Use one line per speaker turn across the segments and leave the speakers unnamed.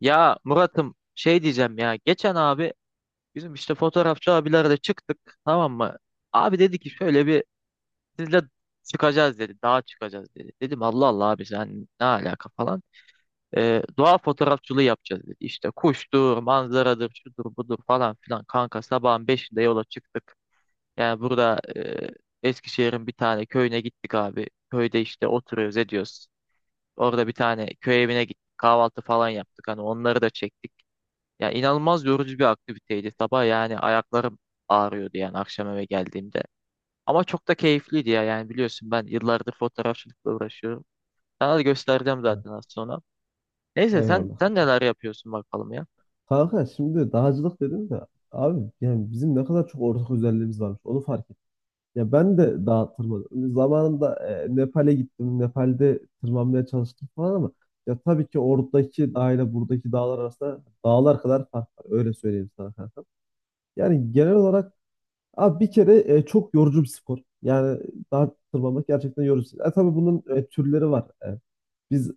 Ya Murat'ım şey diyeceğim ya geçen abi bizim işte fotoğrafçı abilerle çıktık tamam mı? Abi dedi ki şöyle bir sizle çıkacağız dedi dağa çıkacağız dedi. Dedim Allah Allah abi sen ne alaka falan. Doğa fotoğrafçılığı yapacağız dedi. İşte kuştur, manzaradır, şudur budur falan filan kanka sabahın 5'inde yola çıktık. Yani burada Eskişehir'in bir tane köyüne gittik abi. Köyde işte oturuyoruz ediyoruz. Orada bir tane köy evine gittik kahvaltı falan yaptık hani onları da çektik. Ya inanılmaz yorucu bir aktiviteydi. Sabah yani ayaklarım ağrıyordu yani akşam eve geldiğimde. Ama çok da keyifliydi ya yani biliyorsun ben yıllardır fotoğrafçılıkla uğraşıyorum. Sana da göstereceğim
Evet.
zaten az sonra. Neyse sen
Eyvallah.
sen neler yapıyorsun bakalım ya.
Kanka şimdi dağcılık dedim de abi, yani bizim ne kadar çok ortak özelliğimiz varmış onu fark ettim. Ya ben de dağa tırmanıyorum. Zamanında Nepal'e gittim. Nepal'de tırmanmaya çalıştım falan ama ya tabii ki oradaki dağ ile buradaki dağlar arasında dağlar kadar fark var. Öyle söyleyeyim sana kanka. Yani genel olarak abi bir kere çok yorucu bir spor. Yani dağ tırmanmak gerçekten yorucu. Tabii bunun türleri var. Biz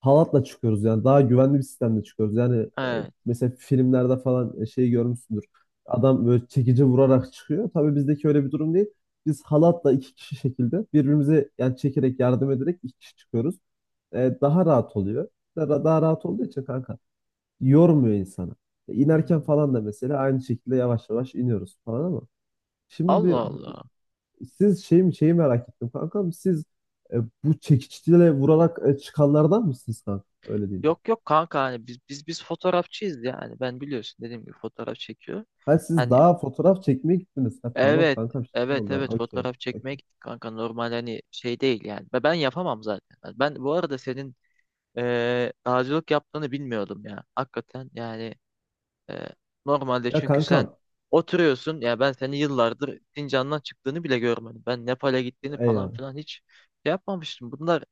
halatla çıkıyoruz, yani daha güvenli bir sistemle çıkıyoruz. Yani
Evet.
mesela filmlerde falan şey görmüşsündür. Adam böyle çekici vurarak çıkıyor. Tabii bizdeki öyle bir durum değil. Biz halatla iki kişi şekilde birbirimize yani çekerek yardım ederek iki kişi çıkıyoruz. Daha rahat oluyor. Daha rahat olduğu için kanka yormuyor insanı. E, inerken
Hmm.
falan da mesela aynı şekilde yavaş yavaş iniyoruz falan ama şimdi
Allah Allah.
siz şey mi şeyi merak ettim kankam, siz e, bu çekiçle vurarak çıkanlardan mısınız kanka? Öyle değil.
Yok yok kanka hani biz fotoğrafçıyız yani. Ben biliyorsun dediğim gibi fotoğraf çekiyor.
Ha siz
Hani
daha fotoğraf çekmeye gittiniz. Ha tamam
evet
kankam, şimdi
evet
oldu.
evet
Okey.
fotoğraf çekmeye
Okey.
gittik kanka normal hani şey değil yani. Ve ben yapamam zaten. Hani ben bu arada senin dağcılık yaptığını bilmiyordum ya. Hakikaten yani e, normalde
Ya
çünkü sen
kankam,
oturuyorsun ya ben seni yıllardır Sincan'dan çıktığını bile görmedim. Ben Nepal'e gittiğini falan
eyvallah.
filan hiç şey yapmamıştım. Bunlar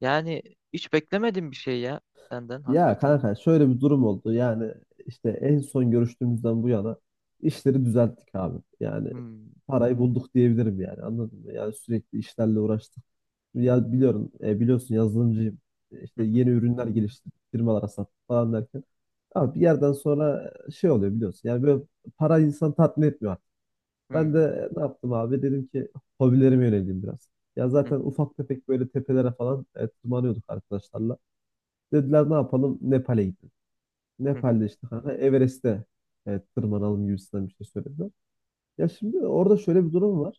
yani hiç beklemedim bir şey ya senden
Ya
hakikaten.
kanka, şöyle bir durum oldu. Yani işte en son görüştüğümüzden bu yana işleri düzelttik abi. Yani
Hmm.
parayı bulduk diyebilirim, yani anladın mı? Yani sürekli işlerle uğraştık. Ya biliyorum, biliyorsun yazılımcıyım.
Hı
İşte
hı.
yeni ürünler geliştirdik, firmalara sattık falan derken. Abi bir yerden sonra şey oluyor biliyorsun. Yani böyle para insan tatmin etmiyor. Ben
Hmm.
de ne yaptım abi? Dedim ki hobilerime yöneleyim biraz. Ya
Hı
zaten
hı.
ufak tefek böyle tepelere falan tırmanıyorduk arkadaşlarla. Dediler ne yapalım? Nepal'e gidelim.
Hı hı.
Nepal'de işte kanka Everest'e tırmanalım gibisinden bir şey söylediler. Ya şimdi orada şöyle bir durum var.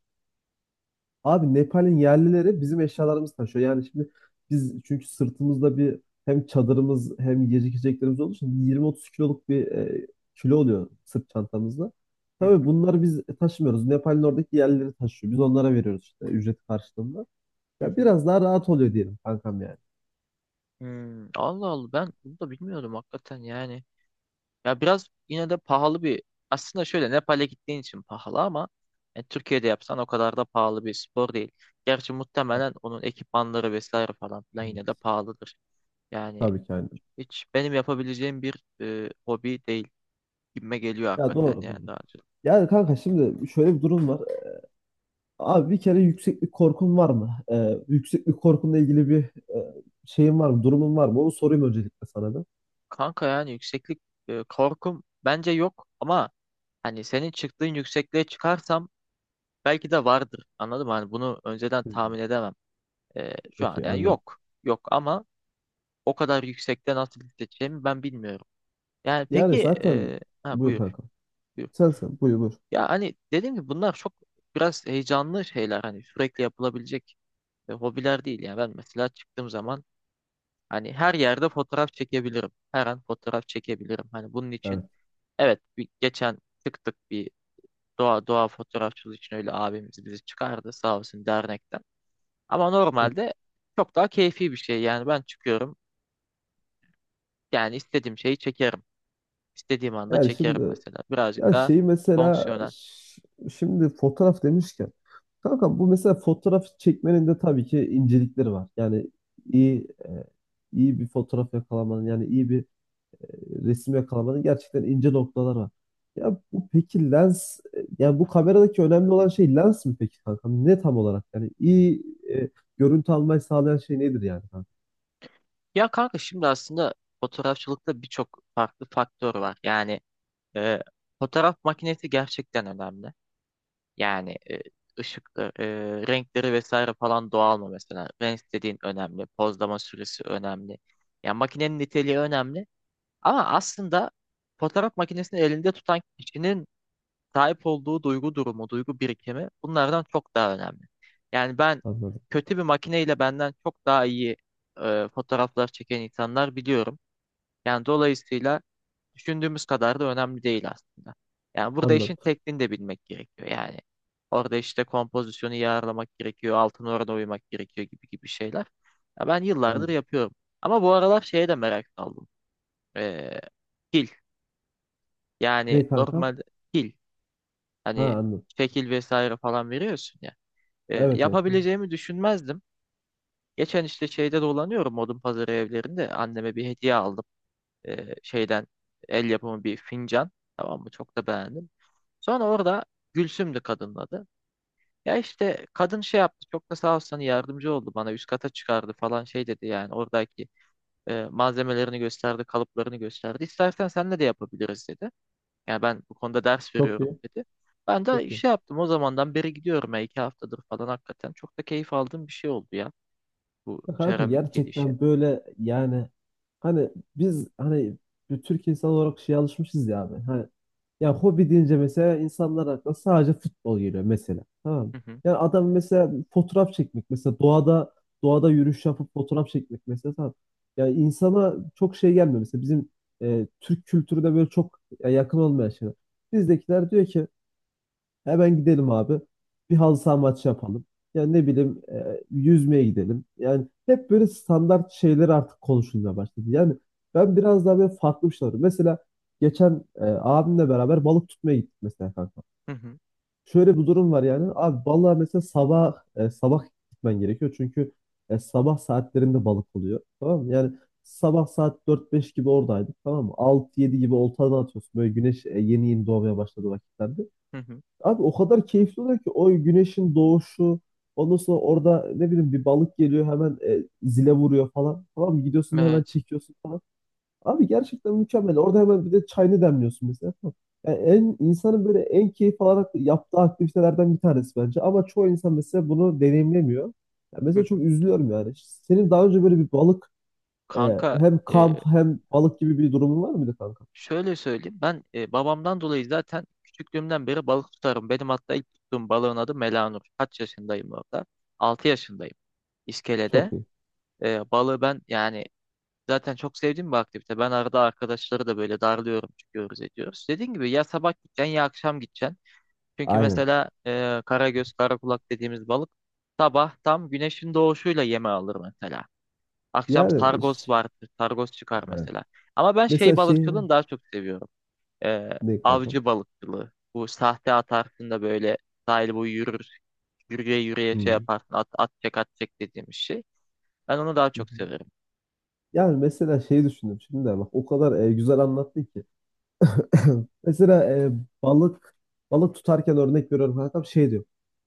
Abi Nepal'in yerlileri bizim eşyalarımızı taşıyor. Yani şimdi biz çünkü sırtımızda bir hem çadırımız hem yiyecek içeceklerimiz olduğu için yirmi otuz kiloluk bir kilo oluyor sırt çantamızda.
Hı
Tabii
hı.
bunları biz taşımıyoruz. Nepal'in oradaki yerlileri taşıyor. Biz onlara veriyoruz işte ücret karşılığında.
Hı
Ya
hı.
biraz daha rahat oluyor diyelim kankam, yani.
Hmm. Allah Allah ben bunu da bilmiyordum hakikaten yani. Ya biraz yine de pahalı aslında şöyle Nepal'e gittiğin için pahalı ama yani Türkiye'de yapsan o kadar da pahalı bir spor değil. Gerçi
Evet.
muhtemelen onun ekipmanları vesaire falan filan yine de pahalıdır. Yani
Tabii ki aynen.
hiç benim yapabileceğim bir hobi değil gibime geliyor
Ya
hakikaten
doğru
yani
doğru.
daha önce.
Yani kanka şimdi şöyle bir durum var. Abi bir kere yükseklik korkun var mı? Yükseklik korkunla ilgili bir e, şeyin var mı? Durumun var mı? Onu sorayım öncelikle sana da.
Kanka yani yükseklik korkum bence yok ama hani senin çıktığın yüksekliğe çıkarsam belki de vardır. Anladın mı? Hani bunu önceden
Hmm.
tahmin edemem. Şu an
Okey,
yani
anladım.
yok. Yok ama o kadar yüksekte nasıl hissedeceğimi ben bilmiyorum. Yani
Yani
peki
zaten, buyur
buyur,
kanka.
buyur.
Sen buyur buyur.
Ya hani dediğim gibi bunlar çok biraz heyecanlı şeyler hani sürekli yapılabilecek hobiler değil. Yani ben mesela çıktığım zaman hani her yerde fotoğraf çekebilirim. Her an fotoğraf çekebilirim. Hani bunun için
Evet.
evet bir, geçen çıktık bir doğa fotoğrafçılığı için öyle abimiz bizi çıkardı sağ olsun dernekten. Ama
Çok.
normalde çok daha keyfi bir şey. Yani ben çıkıyorum yani istediğim şeyi çekerim. İstediğim anda
Yani
çekerim
şimdi
mesela. Birazcık
yani
daha
şeyi mesela
fonksiyonel.
şimdi fotoğraf demişken kanka bu mesela fotoğraf çekmenin de tabii ki incelikleri var. Yani iyi e, iyi bir fotoğraf yakalamanın, yani iyi bir e, resim yakalamada gerçekten ince noktalar var. Ya bu peki lens, yani bu kameradaki önemli olan şey lens mi peki kanka? Ne tam olarak? Yani iyi e, görüntü almayı sağlayan şey nedir yani kanka?
Ya kanka şimdi aslında fotoğrafçılıkta birçok farklı faktör var. Yani e, fotoğraf makinesi gerçekten önemli. Yani ışıkları, renkleri vesaire falan doğal mı mesela? Renk dediğin önemli. Pozlama süresi önemli. Yani makinenin niteliği önemli. Ama aslında fotoğraf makinesini elinde tutan kişinin sahip olduğu duygu durumu, duygu birikimi bunlardan çok daha önemli. Yani ben
Anladım.
kötü bir makineyle benden çok daha iyi fotoğraflar çeken insanlar biliyorum. Yani dolayısıyla düşündüğümüz kadar da önemli değil aslında. Yani burada işin
Anladım.
tekniğini de bilmek gerekiyor. Yani orada işte kompozisyonu iyi ayarlamak gerekiyor, altın orana uymak gerekiyor gibi gibi şeyler. Ya ben yıllardır
Anladım.
yapıyorum. Ama bu aralar şeye de merak saldım. Ee, pil. Yani
Ne kanka?
normal pil.
Ha
Hani
anladım.
şekil vesaire falan veriyorsun ya. E,
Evet evet. Evet.
yapabileceğimi düşünmezdim. Geçen işte şeyde dolanıyorum odun pazarı evlerinde. Anneme bir hediye aldım. Şeyden el yapımı bir fincan. Tamam mı? Çok da beğendim. Sonra orada Gülsüm'dü kadının adı. Ya işte kadın şey yaptı. Çok da sağ olsun hani yardımcı oldu bana. Üst kata çıkardı falan şey dedi yani. Oradaki malzemelerini gösterdi, kalıplarını gösterdi. İstersen senle de yapabiliriz dedi. Yani ben bu konuda ders
Çok
veriyorum
iyi.
dedi. Ben de
Çok iyi.
şey yaptım o zamandan beri gidiyorum ya 2 haftadır falan hakikaten. Çok da keyif aldığım bir şey oldu ya bu
Ya kanka
seramik gelişi.
gerçekten böyle yani hani biz hani bir Türk insan olarak şeye alışmışız ya abi. Hani ya hobi deyince mesela insanlar aklına sadece futbol geliyor mesela. Tamam mı?
Hı hı,
Yani adam mesela fotoğraf çekmek mesela doğada yürüyüş yapıp fotoğraf çekmek mesela tamam. Yani insana çok şey gelmiyor mesela bizim Türk kültürüne böyle çok yakın olmayan şeyler. Bizdekiler diyor ki hemen gidelim abi. Bir halı saha maçı yapalım. Yani ne bileyim yüzmeye gidelim. Yani hep böyle standart şeyler artık konuşulmaya başladı. Yani ben biraz daha böyle farklı bir şey arıyorum. Mesela geçen abimle beraber balık tutmaya gittik mesela kanka.
hı hı,
Şöyle bir durum var yani. Abi balığa mesela sabah gitmen gerekiyor. Çünkü sabah saatlerinde balık oluyor. Tamam mı? Yani sabah saat dört beş gibi oradaydık. Tamam mı? 6 yedi gibi oltadan atıyorsun. Böyle güneş yeni yeni doğmaya başladı vakitlerde.
hı hı.
Abi o kadar keyifli oluyor ki o güneşin doğuşu, ondan sonra orada ne bileyim bir balık geliyor hemen zile vuruyor falan. Tamam mı? Gidiyorsun hemen
Evet.
çekiyorsun falan. Abi gerçekten mükemmel. Orada hemen bir de çayını demliyorsun mesela. Tamam. Yani en insanın böyle en keyif alarak yaptığı aktivitelerden bir tanesi bence. Ama çoğu insan mesela bunu deneyimlemiyor. Yani
Hı
mesela çok
hı.
üzülüyorum yani. Senin daha önce böyle bir balık
Kanka
hem kamp
e,
hem balık gibi bir durumun var mıydı kanka?
şöyle söyleyeyim ben babamdan dolayı zaten küçüklüğümden beri balık tutarım. Benim hatta ilk tuttuğum balığın adı Melanur. Kaç yaşındayım orada? 6 yaşındayım.
Çok
İskelede.
iyi.
Balığı ben yani zaten çok sevdiğim bir aktivite. Ben arada arkadaşları da böyle darlıyorum, çıkıyoruz ediyoruz. Dediğim gibi ya sabah gideceksin ya akşam gideceksin. Çünkü
Aynen.
mesela karagöz, karakulak dediğimiz balık sabah tam güneşin doğuşuyla yeme alır mesela. Akşam
Yani
sargos vardır, sargos çıkar
evet.
mesela. Ama ben
Mesela
şey
şey
balıkçılığını daha çok seviyorum. E,
ne kanka?
avcı balıkçılığı. Bu sahte atarsın da böyle sahil boyu yürür, yürüye yürüye şey
Hmm.
yaparsın, at, at çek at çek dediğimiz şey. Ben onu daha
Hı
çok
hı.
severim.
Yani mesela şeyi düşündüm şimdi de bak o kadar güzel anlattı ki. Mesela balık balık tutarken örnek veriyorum kankam şey diyor.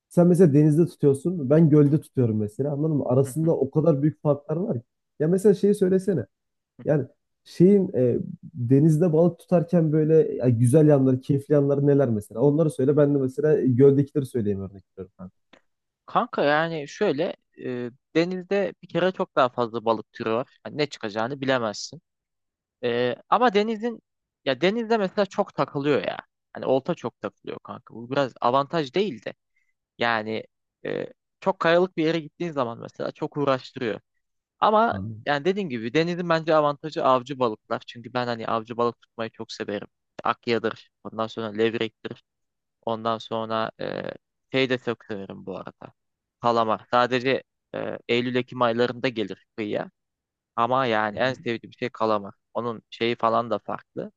Sen mesela denizde tutuyorsun, ben gölde tutuyorum mesela, anladın mı? Arasında o kadar büyük farklar var ki. Ya mesela şeyi söylesene. Yani şeyin denizde balık tutarken böyle ya güzel yanları, keyifli yanları neler mesela? Onları söyle, ben de mesela göldekileri söyleyeyim örnek veriyorum kankam.
Kanka yani şöyle e, denizde bir kere çok daha fazla balık türü var. Yani ne çıkacağını bilemezsin. Ama denizin ya denizde mesela çok takılıyor ya. Hani olta çok takılıyor kanka. Bu biraz avantaj değil de. Yani e, çok kayalık bir yere gittiğin zaman mesela çok uğraştırıyor. Ama yani dediğim gibi denizin bence avantajı avcı balıklar. Çünkü ben hani avcı balık tutmayı çok severim. İşte Akya'dır, ondan sonra levrektir. Ondan sonra şey de çok severim bu arada. Kalamar. Sadece Eylül-Ekim aylarında gelir kıyıya. Ama yani en
Anladım.
sevdiğim şey kalamar. Onun şeyi falan da farklı.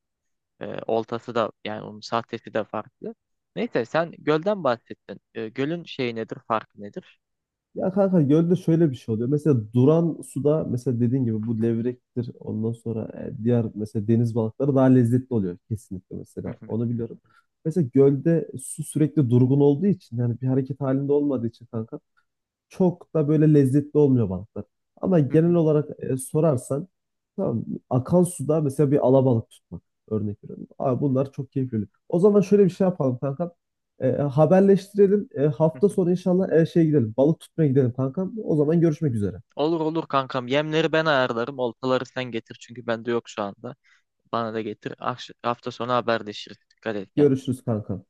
Oltası da yani onun sahtesi de farklı. Neyse sen gölden bahsettin. Gölün şeyi nedir, farkı nedir?
Ya kanka gölde şöyle bir şey oluyor. Mesela duran suda mesela dediğin gibi bu levrektir. Ondan sonra diğer mesela deniz balıkları daha lezzetli oluyor kesinlikle
Hı
mesela.
hı,
Onu biliyorum. Mesela gölde su sürekli durgun olduğu için, yani bir hareket halinde olmadığı için kanka çok da böyle lezzetli olmuyor balıklar. Ama
hı
genel
hı,
olarak sorarsan, tamam mı? Akan suda mesela bir alabalık tutmak örnek veriyorum. Abi bunlar çok keyifli. O zaman şöyle bir şey yapalım kankam. Haberleştirelim. E,
hı
hafta
hı.
sonu inşallah şey gidelim. Balık tutmaya gidelim kankam. O zaman görüşmek üzere.
Olur olur kankam. Yemleri ben ayarlarım. Oltaları sen getir çünkü bende yok şu anda. Bana da getir. Hafta sonu haberleşiriz. Dikkat et kendine.
Görüşürüz kankam.